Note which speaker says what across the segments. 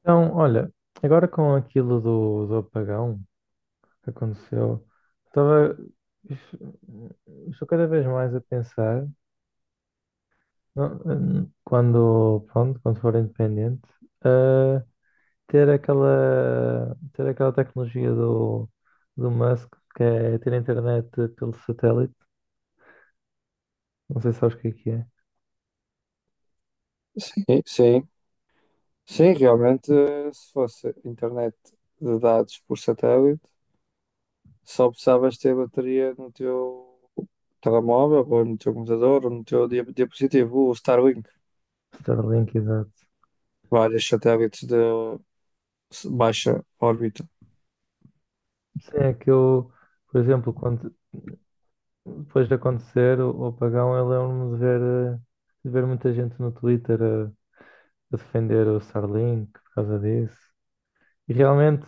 Speaker 1: Então, olha, agora com aquilo do apagão que aconteceu, estava, estou cada vez mais a pensar, não, quando, pronto, quando for independente, a ter aquela tecnologia do Musk, que é ter internet pelo satélite, não sei se sabes o que é,
Speaker 2: Sim, sim, sim, realmente, se fosse internet de dados por satélite, só precisavas ter bateria no teu telemóvel, ou no teu computador, ou no teu dispositivo, o Starlink,
Speaker 1: Starlink, exato.
Speaker 2: vários satélites de baixa órbita.
Speaker 1: Sim, é que eu, por exemplo, quando, depois de acontecer o apagão, eu lembro-me de ver, eh, de ver muita gente no Twitter a defender o Starlink por causa disso. E realmente,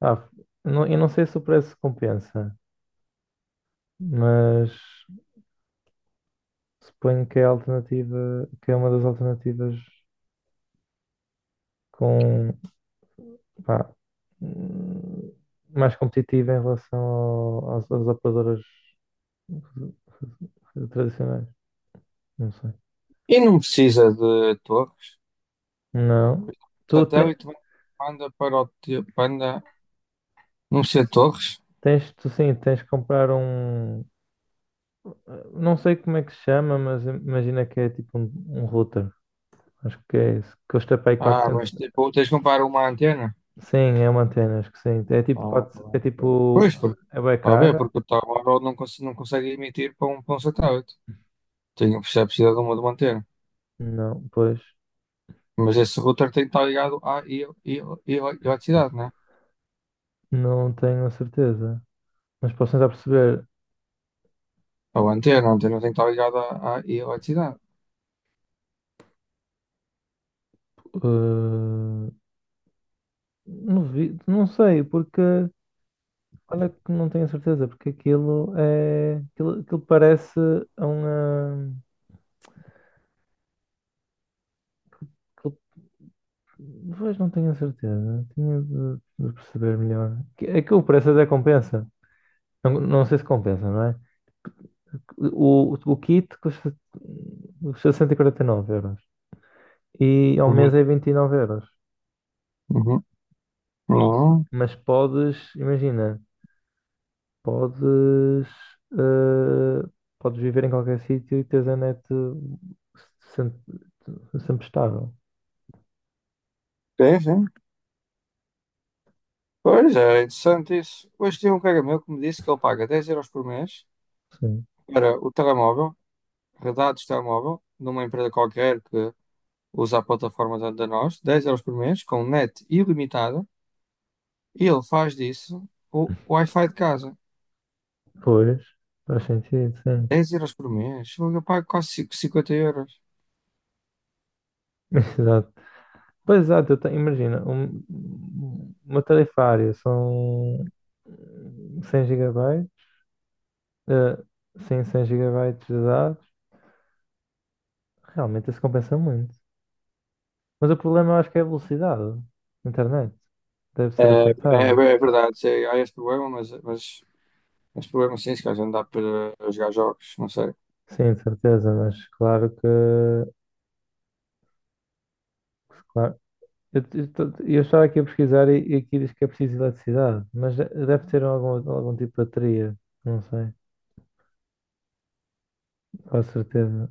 Speaker 1: ah, não, eu não sei se o preço compensa, mas suponho que é a alternativa, que é uma das alternativas com, pá, hum, mais competitiva em relação às operadoras tradicionais. Não sei.
Speaker 2: E não precisa de torres.
Speaker 1: Não.
Speaker 2: O
Speaker 1: Tu te-
Speaker 2: satélite manda para o teu, manda, não precisa de torres.
Speaker 1: Tens, tu sim, tens que comprar um. Não sei como é que se chama, mas imagina que é tipo um router. Acho que é isso. Custa para aí
Speaker 2: Ah,
Speaker 1: 400.
Speaker 2: mas tipo, tens de comprar uma antena.
Speaker 1: Sim, é uma antena, acho que sim. É tipo,
Speaker 2: Ah,
Speaker 1: quatro. É tipo.
Speaker 2: pois, porque,
Speaker 1: É bem
Speaker 2: está a ver,
Speaker 1: cara?
Speaker 2: porque o telemóvel não, não consegue emitir para um satélite. Tem a precisa de uma antena.
Speaker 1: Não, pois.
Speaker 2: Mas esse router tem que estar ligado à e- eletricidade, né?
Speaker 1: Não tenho a certeza. Mas posso tentar perceber.
Speaker 2: Ou a antena tem que estar ligada à eletricidade.
Speaker 1: eh, não vi, não sei, porque. Olha que não tenho a certeza, porque aquilo é. Aquilo parece a uma. Pois não tenho a certeza. Tinha de perceber melhor. Aquilo parece até compensa. Não, não sei se compensa, não é? O kit custa 149 euros. E ao mês
Speaker 2: Uhum.
Speaker 1: é 29 euros.
Speaker 2: Uhum. Não.
Speaker 1: Mas podes, imagina, podes, eh, podes viver em qualquer sítio e teres a net sempre, sempre estável.
Speaker 2: Sim, sim. Pois, é interessante isso. Hoje tinha um colega meu que me disse que ele paga 10 euros por mês
Speaker 1: Sim.
Speaker 2: para o telemóvel, redados de telemóvel, numa empresa qualquer que usa a plataforma da nós, 10 euros por mês, com net ilimitada, e ele faz disso o Wi-Fi de casa.
Speaker 1: Pois, faz sentido, sim.
Speaker 2: 10 euros por mês. Fogo, eu pago quase 50 euros.
Speaker 1: Exato. Pois exato, imagina, uma tarifária são 100 gigabytes, eh, sim, 100 gigabytes de dados, realmente isso compensa muito. Mas o problema eu acho que é a velocidade da internet. Deve
Speaker 2: É,
Speaker 1: ser
Speaker 2: é, é
Speaker 1: afetada.
Speaker 2: verdade, sei. Há esse problema, mas esse problema sim, se calhar não dá para jogar jogos, não sei.
Speaker 1: Sim, de certeza, mas claro que. Claro, eu estava aqui a pesquisar e aqui diz que é preciso eletricidade, mas deve ter algum tipo de bateria, não sei, com certeza.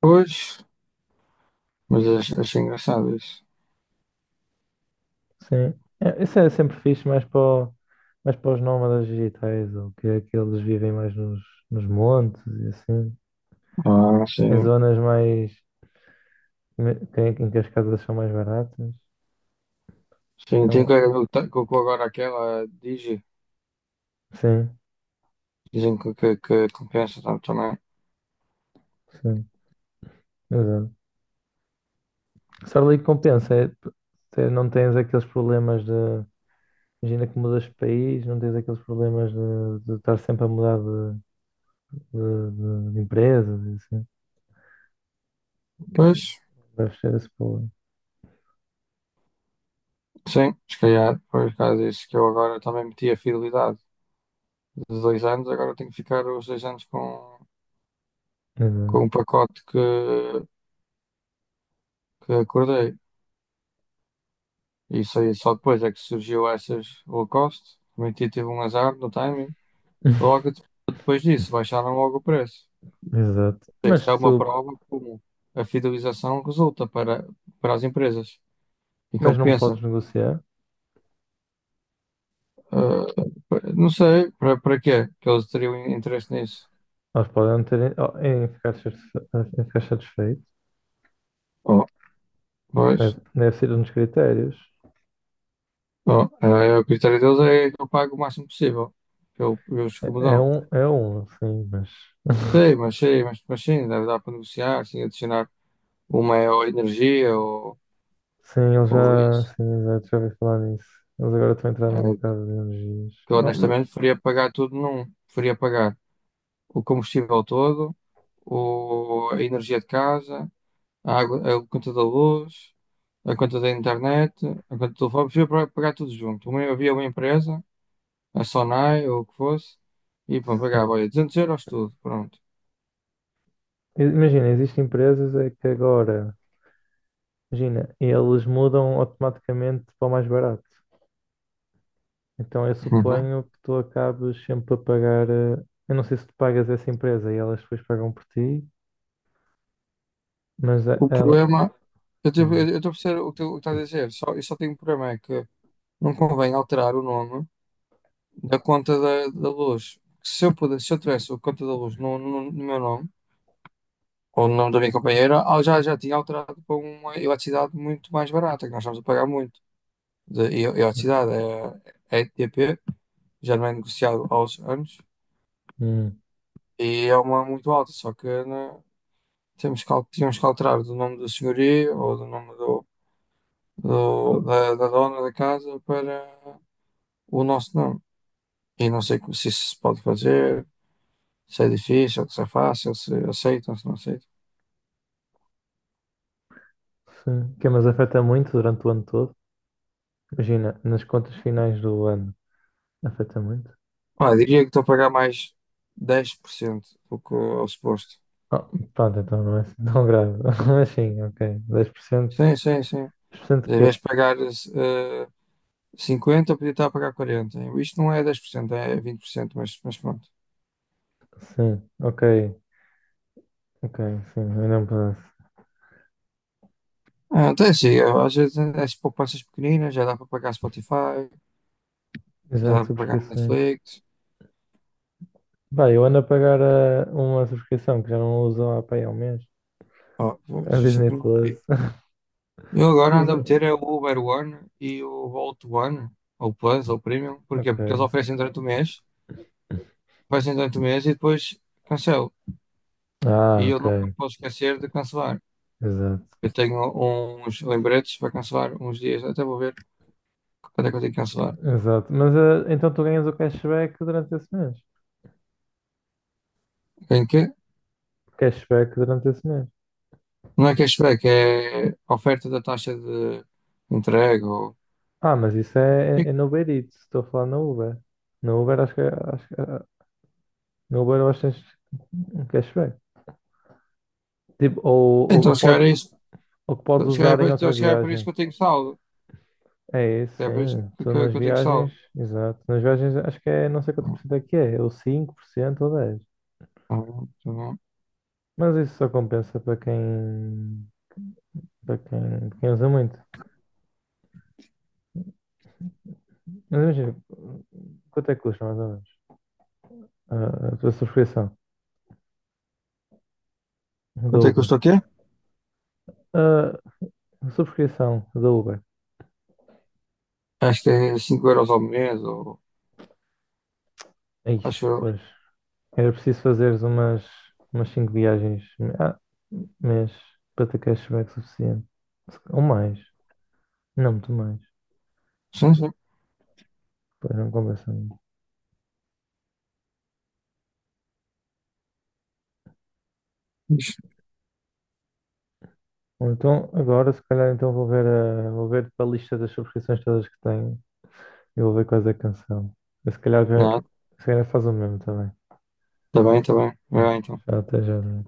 Speaker 2: Pois, mas achei engraçado isso.
Speaker 1: Sim. É, isso é sempre fixe, mais para os nómadas digitais, ou que é que eles vivem mais nos montes e assim,
Speaker 2: Ah,
Speaker 1: em
Speaker 2: sim.
Speaker 1: zonas mais em que as casas são mais baratas.
Speaker 2: Sim, tem
Speaker 1: Então,
Speaker 2: colega meu que colocou agora aquela Digi.
Speaker 1: sim,
Speaker 2: Dizem que compensa tanto também.
Speaker 1: sim, exato. Só ali que compensa, é, não tens aqueles problemas de. Imagina que mudas de país, não tens aqueles problemas de, estar sempre a mudar de, de empresas e assim.
Speaker 2: Pois,
Speaker 1: Deve ser esse problema.
Speaker 2: sim, se calhar, por causa disso que eu agora também meti a fidelidade de 2 anos, agora tenho que ficar os 2 anos
Speaker 1: Exato.
Speaker 2: com o pacote que acordei. Isso aí só depois é que surgiu essas Lacoste. Também tive um azar no timing. Logo depois disso, baixaram logo o preço.
Speaker 1: Exato.
Speaker 2: Isso é uma prova como a fidelização resulta para as empresas. E
Speaker 1: Mas não
Speaker 2: compensa.
Speaker 1: podes negociar.
Speaker 2: Ah, não sei para quê que eles teriam interesse nisso.
Speaker 1: Eles podem não terem oh, em ficar satisfeito.
Speaker 2: Oh, pois,
Speaker 1: Deve ser um dos critérios.
Speaker 2: oh, é o critério deles é que eu pago o máximo possível pelo, pelos que me
Speaker 1: É, é
Speaker 2: dão.
Speaker 1: um, é um, sim, mas
Speaker 2: Sei, mas sei, mas sim, deve dar para negociar, sim, adicionar. Uma é ou energia
Speaker 1: sim, eles
Speaker 2: ou
Speaker 1: já,
Speaker 2: isso.
Speaker 1: sim, exato, já ouvi falar nisso. Eles agora estão a entrar no
Speaker 2: É,
Speaker 1: mercado de energias.
Speaker 2: que eu
Speaker 1: Oh, mas,
Speaker 2: honestamente preferia pagar tudo num. Preferia pagar o combustível todo, o, a energia de casa, a água, a conta da luz, a conta da internet, a conta do telefone. Preferia pagar tudo junto. Uma, havia uma empresa, a Sonai ou o que fosse, e pronto, pagava,
Speaker 1: sim.
Speaker 2: olha, 200 euros tudo, pronto.
Speaker 1: Imagina, existem empresas é que agora, imagina, eles mudam automaticamente para o mais barato. Então eu
Speaker 2: Uhum.
Speaker 1: suponho que tu acabes sempre a pagar. Eu não sei se tu pagas essa empresa e elas depois pagam por ti, mas
Speaker 2: O
Speaker 1: ela.
Speaker 2: problema, eu estou a perceber o que tu estás a dizer, só, eu só tenho um problema, é que não convém alterar o nome da conta da luz. Se eu pudesse, se eu tivesse a conta da luz no meu nome, ou no nome da minha companheira, ah, já tinha alterado para uma eletricidade muito mais barata, que nós estamos a pagar muito. De eletricidade é ETP, já não é negociado aos anos,
Speaker 1: Hum,
Speaker 2: e é uma muito alta, só que né, temos que, tínhamos que alterar do nome do senhorio ou do nome da dona da casa para o nosso nome. E não sei se isso se pode fazer, se é difícil, se é fácil, se aceitam, se não aceitam.
Speaker 1: sim. Que, é, mas afeta muito durante o ano todo. Imagina, nas contas finais do ano, afeta muito.
Speaker 2: Ah, eu diria que estou a pagar mais 10% do que ao suposto.
Speaker 1: Ah, pronto, então não é assim tão grave. Mas sim, ok, dez por cento
Speaker 2: Sim, sim, sim.
Speaker 1: dez por cento
Speaker 2: Em
Speaker 1: que
Speaker 2: vez
Speaker 1: é.
Speaker 2: de pagar 50, eu podia estar a pagar 40. Isto não é 10%, é 20%, mas pronto.
Speaker 1: Sim, ok. Ok, sim, ainda um pedaço.
Speaker 2: Ah, então é assim, eu, às vezes as poupanças pequeninas já dá para pagar Spotify, já
Speaker 1: Exato,
Speaker 2: dá para pagar
Speaker 1: subscrições.
Speaker 2: Netflix.
Speaker 1: Pá, eu ando a pagar uma subscrição que já não uso há, pá, há um mês.
Speaker 2: Oh,
Speaker 1: A
Speaker 2: só
Speaker 1: Disney
Speaker 2: que não vi.
Speaker 1: Plus.
Speaker 2: Eu agora ando a
Speaker 1: Usa.
Speaker 2: meter é o Uber One e o Volt One, ou Plus, ou Premium. Porquê?
Speaker 1: Ok.
Speaker 2: Porque eles oferecem durante o mês e depois cancelam. E
Speaker 1: Ah,
Speaker 2: eu
Speaker 1: ok.
Speaker 2: nunca me posso esquecer de cancelar.
Speaker 1: Exato.
Speaker 2: Eu tenho uns lembretes para cancelar uns dias. Até vou ver quando é que eu tenho que cancelar.
Speaker 1: Exato. Mas então tu ganhas o cashback durante esse mês.
Speaker 2: Em que?
Speaker 1: Cashback durante esse mês.
Speaker 2: Não é cashback, é oferta da taxa de entrega. Ou.
Speaker 1: Ah, mas isso é no Uber Eats, estou a falar no Uber. No Uber acho que no Uber eu acho que tens um cashback. Tipo, ou
Speaker 2: Então, se calhar
Speaker 1: pode,
Speaker 2: é isso.
Speaker 1: ou que podes
Speaker 2: Se
Speaker 1: usar
Speaker 2: calhar,
Speaker 1: em outra
Speaker 2: então, se calhar é por isso
Speaker 1: viagem.
Speaker 2: que eu tenho saldo.
Speaker 1: É isso,
Speaker 2: Se calhar é por isso
Speaker 1: sim. Tu nas
Speaker 2: que eu tenho
Speaker 1: viagens,
Speaker 2: saldo.
Speaker 1: exato. Nas viagens acho que é não sei quanto por cento é que é, ou 5% ou 10%.
Speaker 2: Tá bom, tá bom.
Speaker 1: Mas isso só compensa para quem usa muito. Mas imagina, quanto é que custa mais ou menos a tua subscrição da
Speaker 2: Quanto é que
Speaker 1: Uber?
Speaker 2: custa o quê?
Speaker 1: A subscrição da Uber.
Speaker 2: Acho que é 5 euros ao mês. Ou.
Speaker 1: Ixi,
Speaker 2: Acho eu.
Speaker 1: pois. Era preciso fazeres umas cinco viagens ah, mês para ter cashback suficiente. Ou mais. Não, muito mais.
Speaker 2: Sim, sim.
Speaker 1: Pois não compensa muito. Ou então, agora, se calhar, então vou ver para a lista das subscrições todas que tenho e vou ver quais é que cancelo. Eu, se calhar, ve-
Speaker 2: Não,
Speaker 1: se calhar faz o mesmo também.
Speaker 2: está bem, está bem. Vai lá, então.
Speaker 1: Já até já. Né?